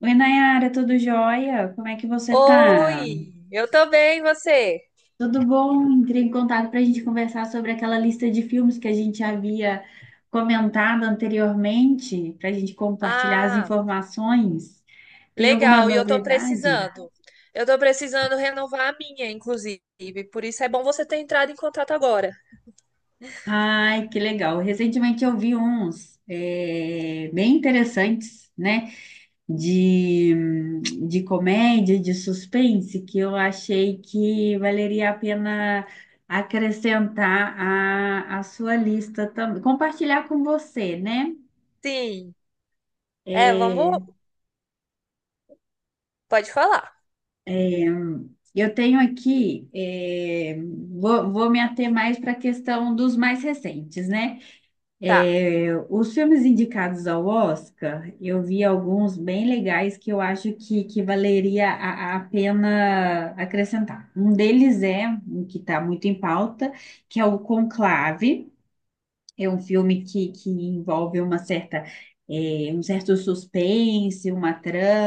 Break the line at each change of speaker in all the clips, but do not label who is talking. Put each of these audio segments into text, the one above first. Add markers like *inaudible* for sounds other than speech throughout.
Oi, Nayara, tudo jóia? Como é que você tá?
Oi, eu tô bem, e você?
Tudo bom? Entrei em contato para a gente conversar sobre aquela lista de filmes que a gente havia comentado anteriormente, para a gente compartilhar as
Ah,
informações. Tem alguma
legal, e eu tô
novidade?
precisando. Eu tô precisando renovar a minha, inclusive, por isso é bom você ter entrado em contato agora.
Ai, que legal! Recentemente eu vi uns bem interessantes, né? de, de comédia, de suspense, que eu achei que valeria a pena acrescentar à sua lista também, compartilhar com você, né?
Sim, é, vamos,
É,
pode falar.
é, eu tenho aqui, vou me ater mais para a questão dos mais recentes, né?
Tá,
Os filmes indicados ao Oscar, eu vi alguns bem legais que eu acho que valeria a pena acrescentar. Um deles é um que está muito em pauta, que é o Conclave. É um filme que envolve uma certa, um certo suspense, uma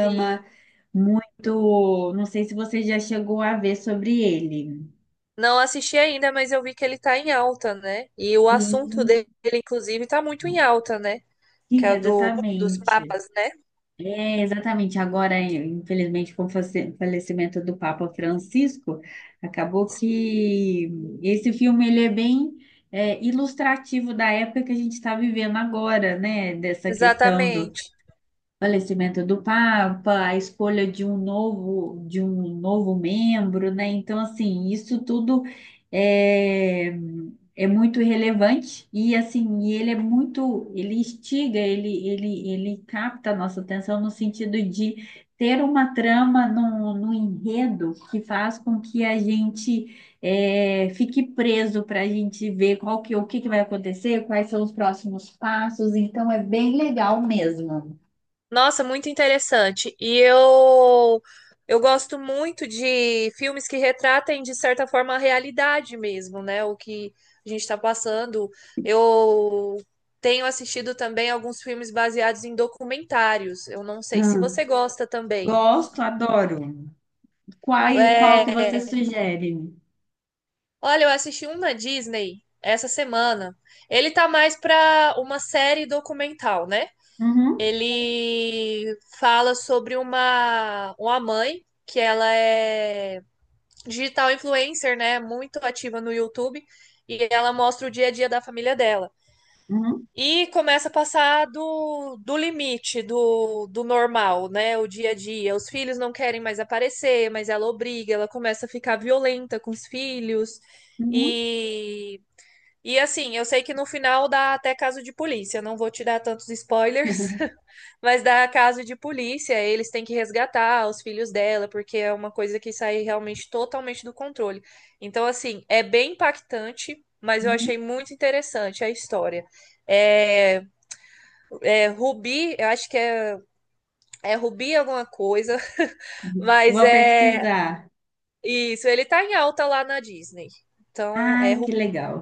sim.
muito. Não sei se você já chegou a ver sobre ele.
Não assisti ainda, mas eu vi que ele tá em alta, né? E o assunto
Sim,
dele, inclusive, tá muito em alta, né? Que
sim,
é dos
exatamente.
papas, né?
É, exatamente. Agora, infelizmente, com o falecimento do Papa Francisco, acabou
Sim,
que esse filme ele é bem ilustrativo da época que a gente está vivendo agora, né? Dessa questão
exatamente.
falecimento do Papa, a escolha de um novo membro, né? Então, assim, isso tudo é, é muito relevante e assim, e ele é muito, ele instiga, ele capta a nossa atenção no sentido de ter uma trama no enredo que faz com que a gente fique preso para a gente ver o que que vai acontecer, quais são os próximos passos. Então, é bem legal mesmo.
Nossa, muito interessante. E eu gosto muito de filmes que retratem, de certa forma, a realidade mesmo, né? O que a gente está passando. Eu tenho assistido também alguns filmes baseados em documentários. Eu não sei se você gosta também.
Gosto, adoro. Qual que você
É,
sugere?
olha, eu assisti um na Disney essa semana. Ele tá mais para uma série documental, né?
Uhum,
Ele fala sobre uma mãe que ela é digital influencer, né? Muito ativa no YouTube. E ela mostra o dia a dia da família dela.
uhum,
E começa a passar do limite do normal, né? O dia a dia. Os filhos não querem mais aparecer, mas ela obriga, ela começa a ficar violenta com os filhos.
uhum,
E, e assim, eu sei que no final dá até caso de polícia, não vou te dar tantos spoilers.
*laughs*
*laughs* Mas dá caso de polícia, eles têm que resgatar os filhos dela, porque é uma coisa que sai realmente totalmente do controle. Então, assim, é bem impactante, mas eu
uhum.
achei muito interessante a história. É, é Rubi, eu acho que é, é Rubi alguma coisa, *laughs* mas
Vou
é
pesquisar.
isso, ele tá em alta lá na Disney. Então, é
Ai, que
Rubi
legal.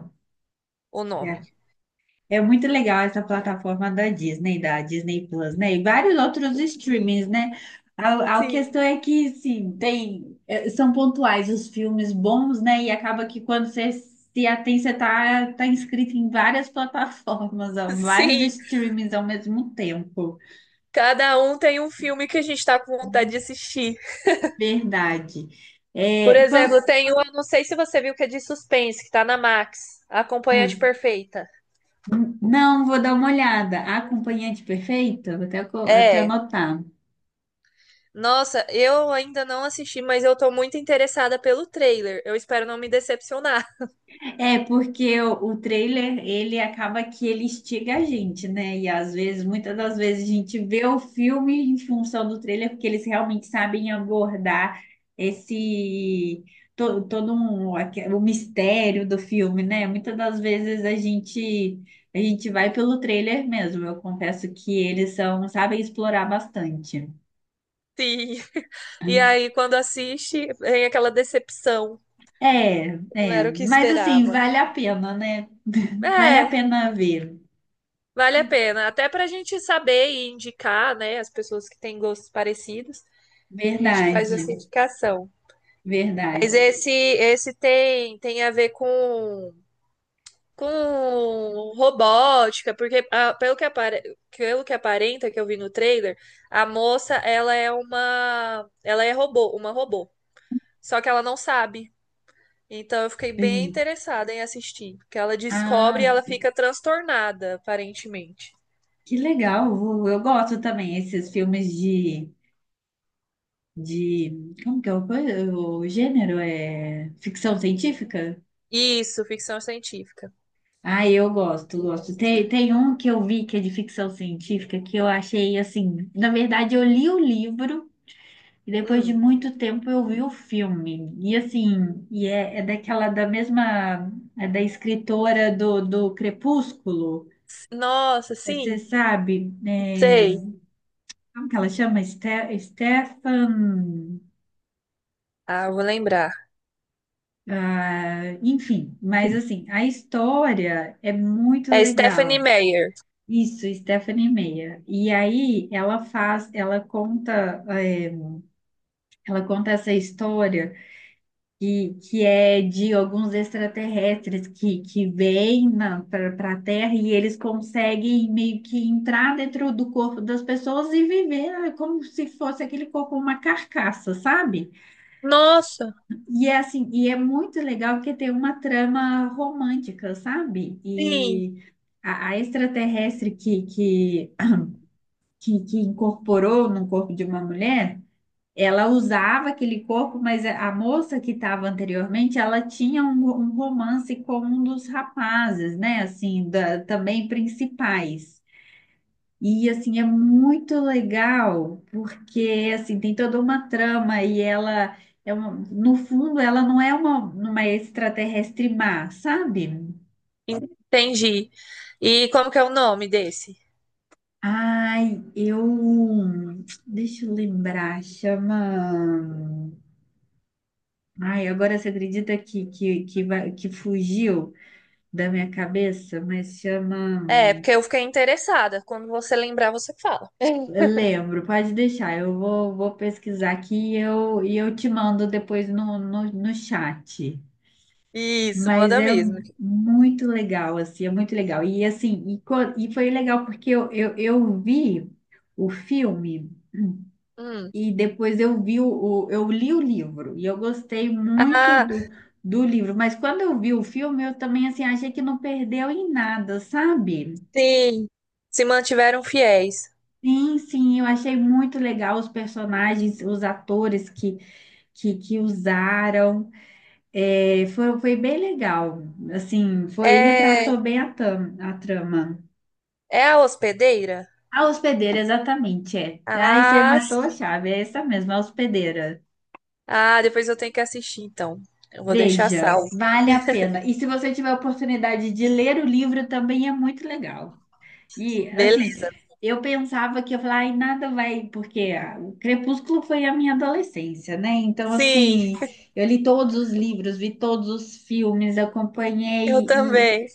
o
É
nome.
é muito legal essa plataforma da Disney Plus, né? E vários outros
Sim,
streamings, né? A
sim.
questão é que, sim, tem, são pontuais os filmes bons, né? E acaba que quando você se atém, você tá inscrito em várias *laughs* plataformas, ó, vários
Sim,
streamings ao mesmo tempo.
cada um tem um filme que a gente tá com vontade de assistir.
Verdade.
Por
É,
exemplo, tem uma, não sei se você viu que é de suspense, que tá na Max, A Acompanhante
ah,
Perfeita.
não, vou dar uma olhada. A acompanhante perfeita, vou até, até
É.
anotar.
Nossa, eu ainda não assisti, mas eu tô muito interessada pelo trailer. Eu espero não me decepcionar.
É, porque o trailer, ele acaba que ele instiga a gente, né? E às vezes, muitas das vezes, a gente vê o filme em função do trailer, porque eles realmente sabem abordar esse todo um, o mistério do filme, né? Muitas das vezes a gente vai pelo trailer mesmo. Eu confesso que eles são, sabem explorar bastante.
*laughs* Sim. E aí, quando assiste, vem aquela decepção.
É,
Não era o que
mas assim,
esperava.
vale a pena, né? *laughs* Vale a
É,
pena ver.
vale a pena. Até pra gente saber e indicar, né, as pessoas que têm gostos parecidos, a gente faz essa
Verdade.
indicação. Mas
Verdade.
esse tem, tem a ver com robótica, porque ah, pelo que apare- pelo que aparenta que eu vi no trailer, a moça, ela é uma, ela é robô, uma robô. Só que ela não sabe. Então eu fiquei bem
Entendi.
interessada em assistir, porque ela descobre e
Ah,
ela fica transtornada, aparentemente.
que legal. Eu gosto também esses filmes de como que é o gênero? É ficção científica?
Isso, ficção científica.
Ah, eu gosto, gosto. Tem um que eu vi que é de ficção científica que eu achei assim. Na verdade, eu li o livro e depois de
Hum.
muito tempo eu vi o filme. E assim, é daquela da mesma, é da escritora do Crepúsculo.
Nossa,
É, Você
sim,
sabe, né?
sei.
Como que ela chama? Stefan.
Ah, eu vou lembrar.
Ah, enfim, mas assim, a história é muito
É Stephanie
legal.
Meyer.
Isso, Stephanie Meyer. E aí ela faz, ela conta, ela conta essa história que é de alguns extraterrestres que vêm para a Terra e eles conseguem meio que entrar dentro do corpo das pessoas e viver como se fosse aquele corpo uma carcaça, sabe?
Nossa,
E é assim, e é muito legal porque tem uma trama romântica, sabe?
sim,
E a extraterrestre que incorporou no corpo de uma mulher, ela usava aquele corpo, mas a moça que estava anteriormente, ela tinha um romance com um dos rapazes, né? Assim, também principais. E assim é muito legal porque assim tem toda uma trama e ela é uma, no fundo ela não é uma extraterrestre má, sabe?
entendi. E como que é o nome desse?
Ai, eu deixa eu lembrar, chama. Ai, agora você acredita que fugiu da minha cabeça, mas chama.
É, porque eu fiquei interessada. Quando você lembrar, você fala.
Eu lembro, pode deixar, vou pesquisar aqui e eu te mando depois no chat.
Isso,
Mas
manda
é
mesmo.
muito legal, assim, é muito legal. E assim, e foi legal porque eu vi o filme
Hum.
e depois eu vi eu li o livro e eu gostei muito
Ah,
do livro. Mas quando eu vi o filme, eu também assim achei que não perdeu em nada, sabe?
sim. Se mantiveram fiéis.
Sim, sim, eu achei muito legal os personagens, os atores que usaram. Foi bem legal. Assim, foi
É,
retratou bem a a trama.
é a hospedeira?
A hospedeira, exatamente, é. Aí você
Ah,
matou a
sim.
chave, é essa mesmo a hospedeira.
Ah, depois eu tenho que assistir, então. Eu vou deixar
Veja,
salvo.
vale a pena. E se você tiver a oportunidade de ler o livro, também é muito legal. E, assim,
Beleza.
eu pensava que eu falava, ai, nada vai, porque ah, o Crepúsculo foi a minha adolescência, né? Então,
Sim,
assim, eu li todos os livros, vi todos os filmes,
eu
acompanhei.
também.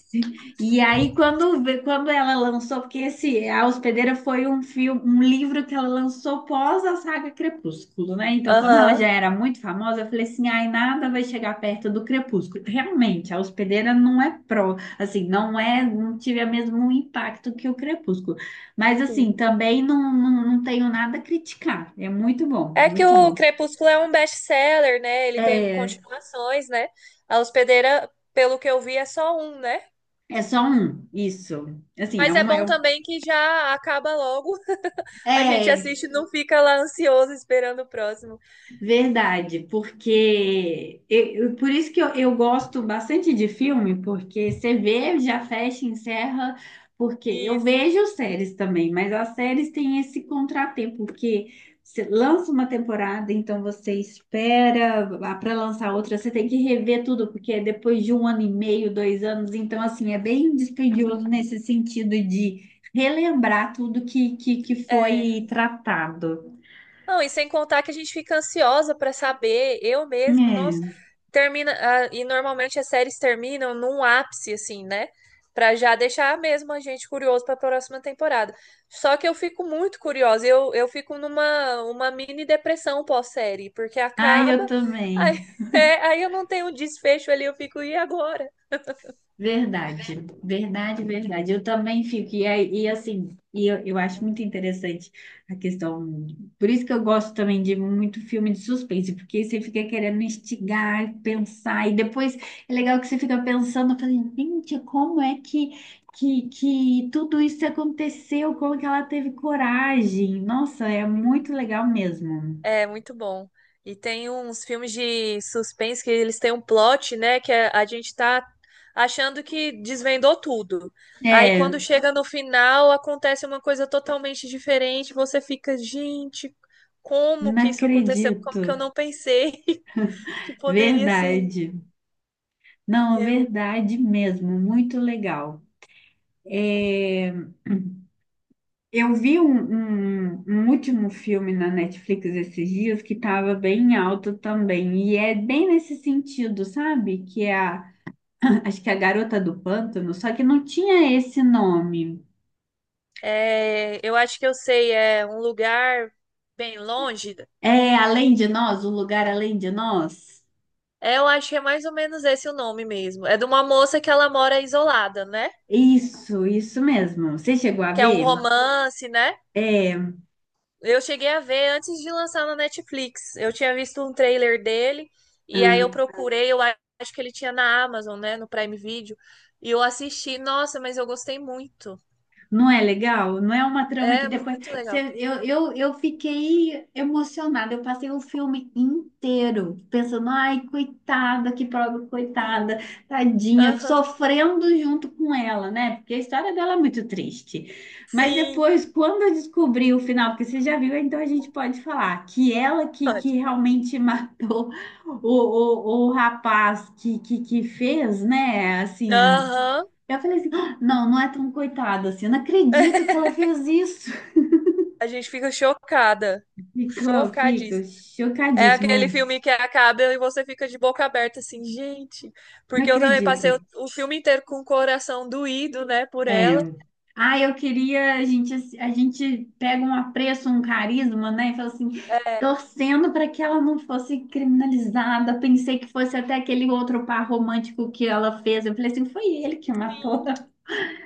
E aí, quando ela lançou, porque esse A Hospedeira foi um filme, um livro que ela lançou pós a saga Crepúsculo, né? Então, como ela já
Aham.
era muito famosa, eu falei assim: ai, nada vai chegar perto do Crepúsculo. Realmente, a Hospedeira não é assim, não é, não tive o mesmo um impacto que o Crepúsculo. Mas assim,
Sim.
também não tenho nada a criticar. É muito bom,
É que
muito
o
bom.
Crepúsculo é um best-seller, né? Ele tem
É,
continuações, né? A hospedeira, pelo que eu vi, é só um, né?
é só um, isso. Assim,
Mas é bom também que já acaba logo. A gente
é,
assiste e não fica lá ansioso esperando o próximo.
Verdade, porque por isso que eu gosto bastante de filme, porque você vê, já fecha, encerra, porque eu
Isso.
vejo séries também, mas as séries têm esse contratempo, porque você lança uma temporada, então você espera para lançar outra, você tem que rever tudo, porque é depois de um ano e meio, dois anos, então assim, é bem dispendioso nesse sentido de relembrar tudo que
É.
foi tratado.
Não, e sem contar que a gente fica ansiosa pra saber, eu mesmo, nossa,
É.
termina, ah, e normalmente as séries terminam num ápice assim, né? Pra já deixar mesmo a gente curioso pra próxima temporada. Só que eu fico muito curiosa, eu fico numa uma mini depressão pós-série, porque
Ah, eu
acaba,
também.
aí, *laughs* é, aí eu não tenho um desfecho ali, eu fico, e agora?
Verdade, verdade, verdade. Eu também fico, e assim, eu acho muito interessante a questão. Por isso que eu gosto também de muito filme de suspense, porque você fica querendo instigar, pensar, e depois é legal que você fica pensando, falando, gente, como é que, que tudo isso aconteceu? Como que ela teve coragem? Nossa, é muito legal mesmo.
É muito bom. E tem uns filmes de suspense que eles têm um plot, né? Que a gente tá achando que desvendou tudo. Aí
É,
quando chega no final, acontece uma coisa totalmente diferente. Você fica, gente, como
não
que isso aconteceu? Como que
acredito.
eu não pensei *laughs* que poderia ser?
Verdade. Não,
Eu,
verdade mesmo, muito legal. É, eu vi um último filme na Netflix esses dias que estava bem alto também, e é bem nesse sentido, sabe? Que é a, *clears throat* acho que é a Garota do Pântano, só que não tinha esse nome.
é, eu acho que eu sei, é um lugar bem longe.
É Além de Nós, O Lugar Além de Nós?
É, eu acho que é mais ou menos esse o nome mesmo. É de uma moça que ela mora isolada, né?
Isso mesmo. Você chegou a
Que é um
ver?
romance, né?
É.
Eu cheguei a ver antes de lançar na Netflix. Eu tinha visto um trailer dele e aí eu
Ah,
procurei, eu acho que ele tinha na Amazon, né, no Prime Video, e eu assisti. Nossa, mas eu gostei muito.
não é legal? Não é uma trama que
É
depois.
muito legal.
Eu fiquei emocionada. Eu passei o filme inteiro pensando, ai, coitada, que pobre
Sim.
coitada, tadinha,
Aham.
sofrendo junto com ela, né? Porque a história dela é muito triste. Mas
Sim.
depois, quando eu descobri o final, porque você já viu, então a gente pode falar que ela que
Pode.
realmente *laughs* matou o rapaz que fez, né? Assim.
Aham.
Eu falei assim, "Ah, não, não é tão coitada assim, eu não acredito que
*laughs*
ela fez isso.
A gente fica chocada.
*laughs* Fica
Chocadíssima. É aquele
chocadíssimo,
filme que acaba e você fica de boca aberta, assim, gente.
não
Porque eu também passei
acredito.
o filme inteiro com o coração doído, né, por
É.
ela.
Ah, eu queria, a gente pega um apreço, um carisma, né? E fala assim,
É,
torcendo para que ela não fosse criminalizada. Pensei que fosse até aquele outro par romântico que ela fez. Eu falei assim, foi ele que matou.
sim.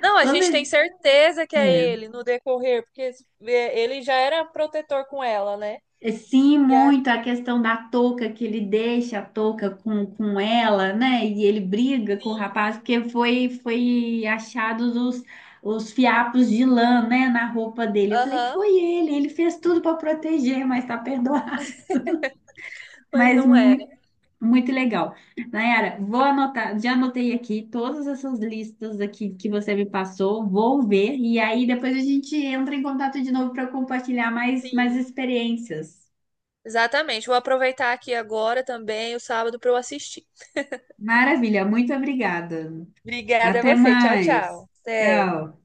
Não, a
Quando,
gente tem certeza que é
é.
ele no decorrer, porque é, ele já era protetor com ela, né?
É, Sim,
E aí,
muito a questão da touca, que ele deixa a touca com ela, né? E ele briga com o
sim,
rapaz, porque foi achados os fiapos de lã, né, na roupa dele. Eu falei,
aham,
foi ele, ele fez tudo para proteger, mas tá perdoado. *laughs*
mas
Mas
não era.
muito, muito legal. Nayara, vou anotar, já anotei aqui todas essas listas aqui que você me passou, vou ver, e aí depois a gente entra em contato de novo para compartilhar mais, mais
Sim,
experiências.
exatamente. Vou aproveitar aqui agora também o sábado para eu assistir.
Maravilha, muito obrigada.
Obrigada a
Até
você. Tchau,
mais.
tchau. Até.
Tchau.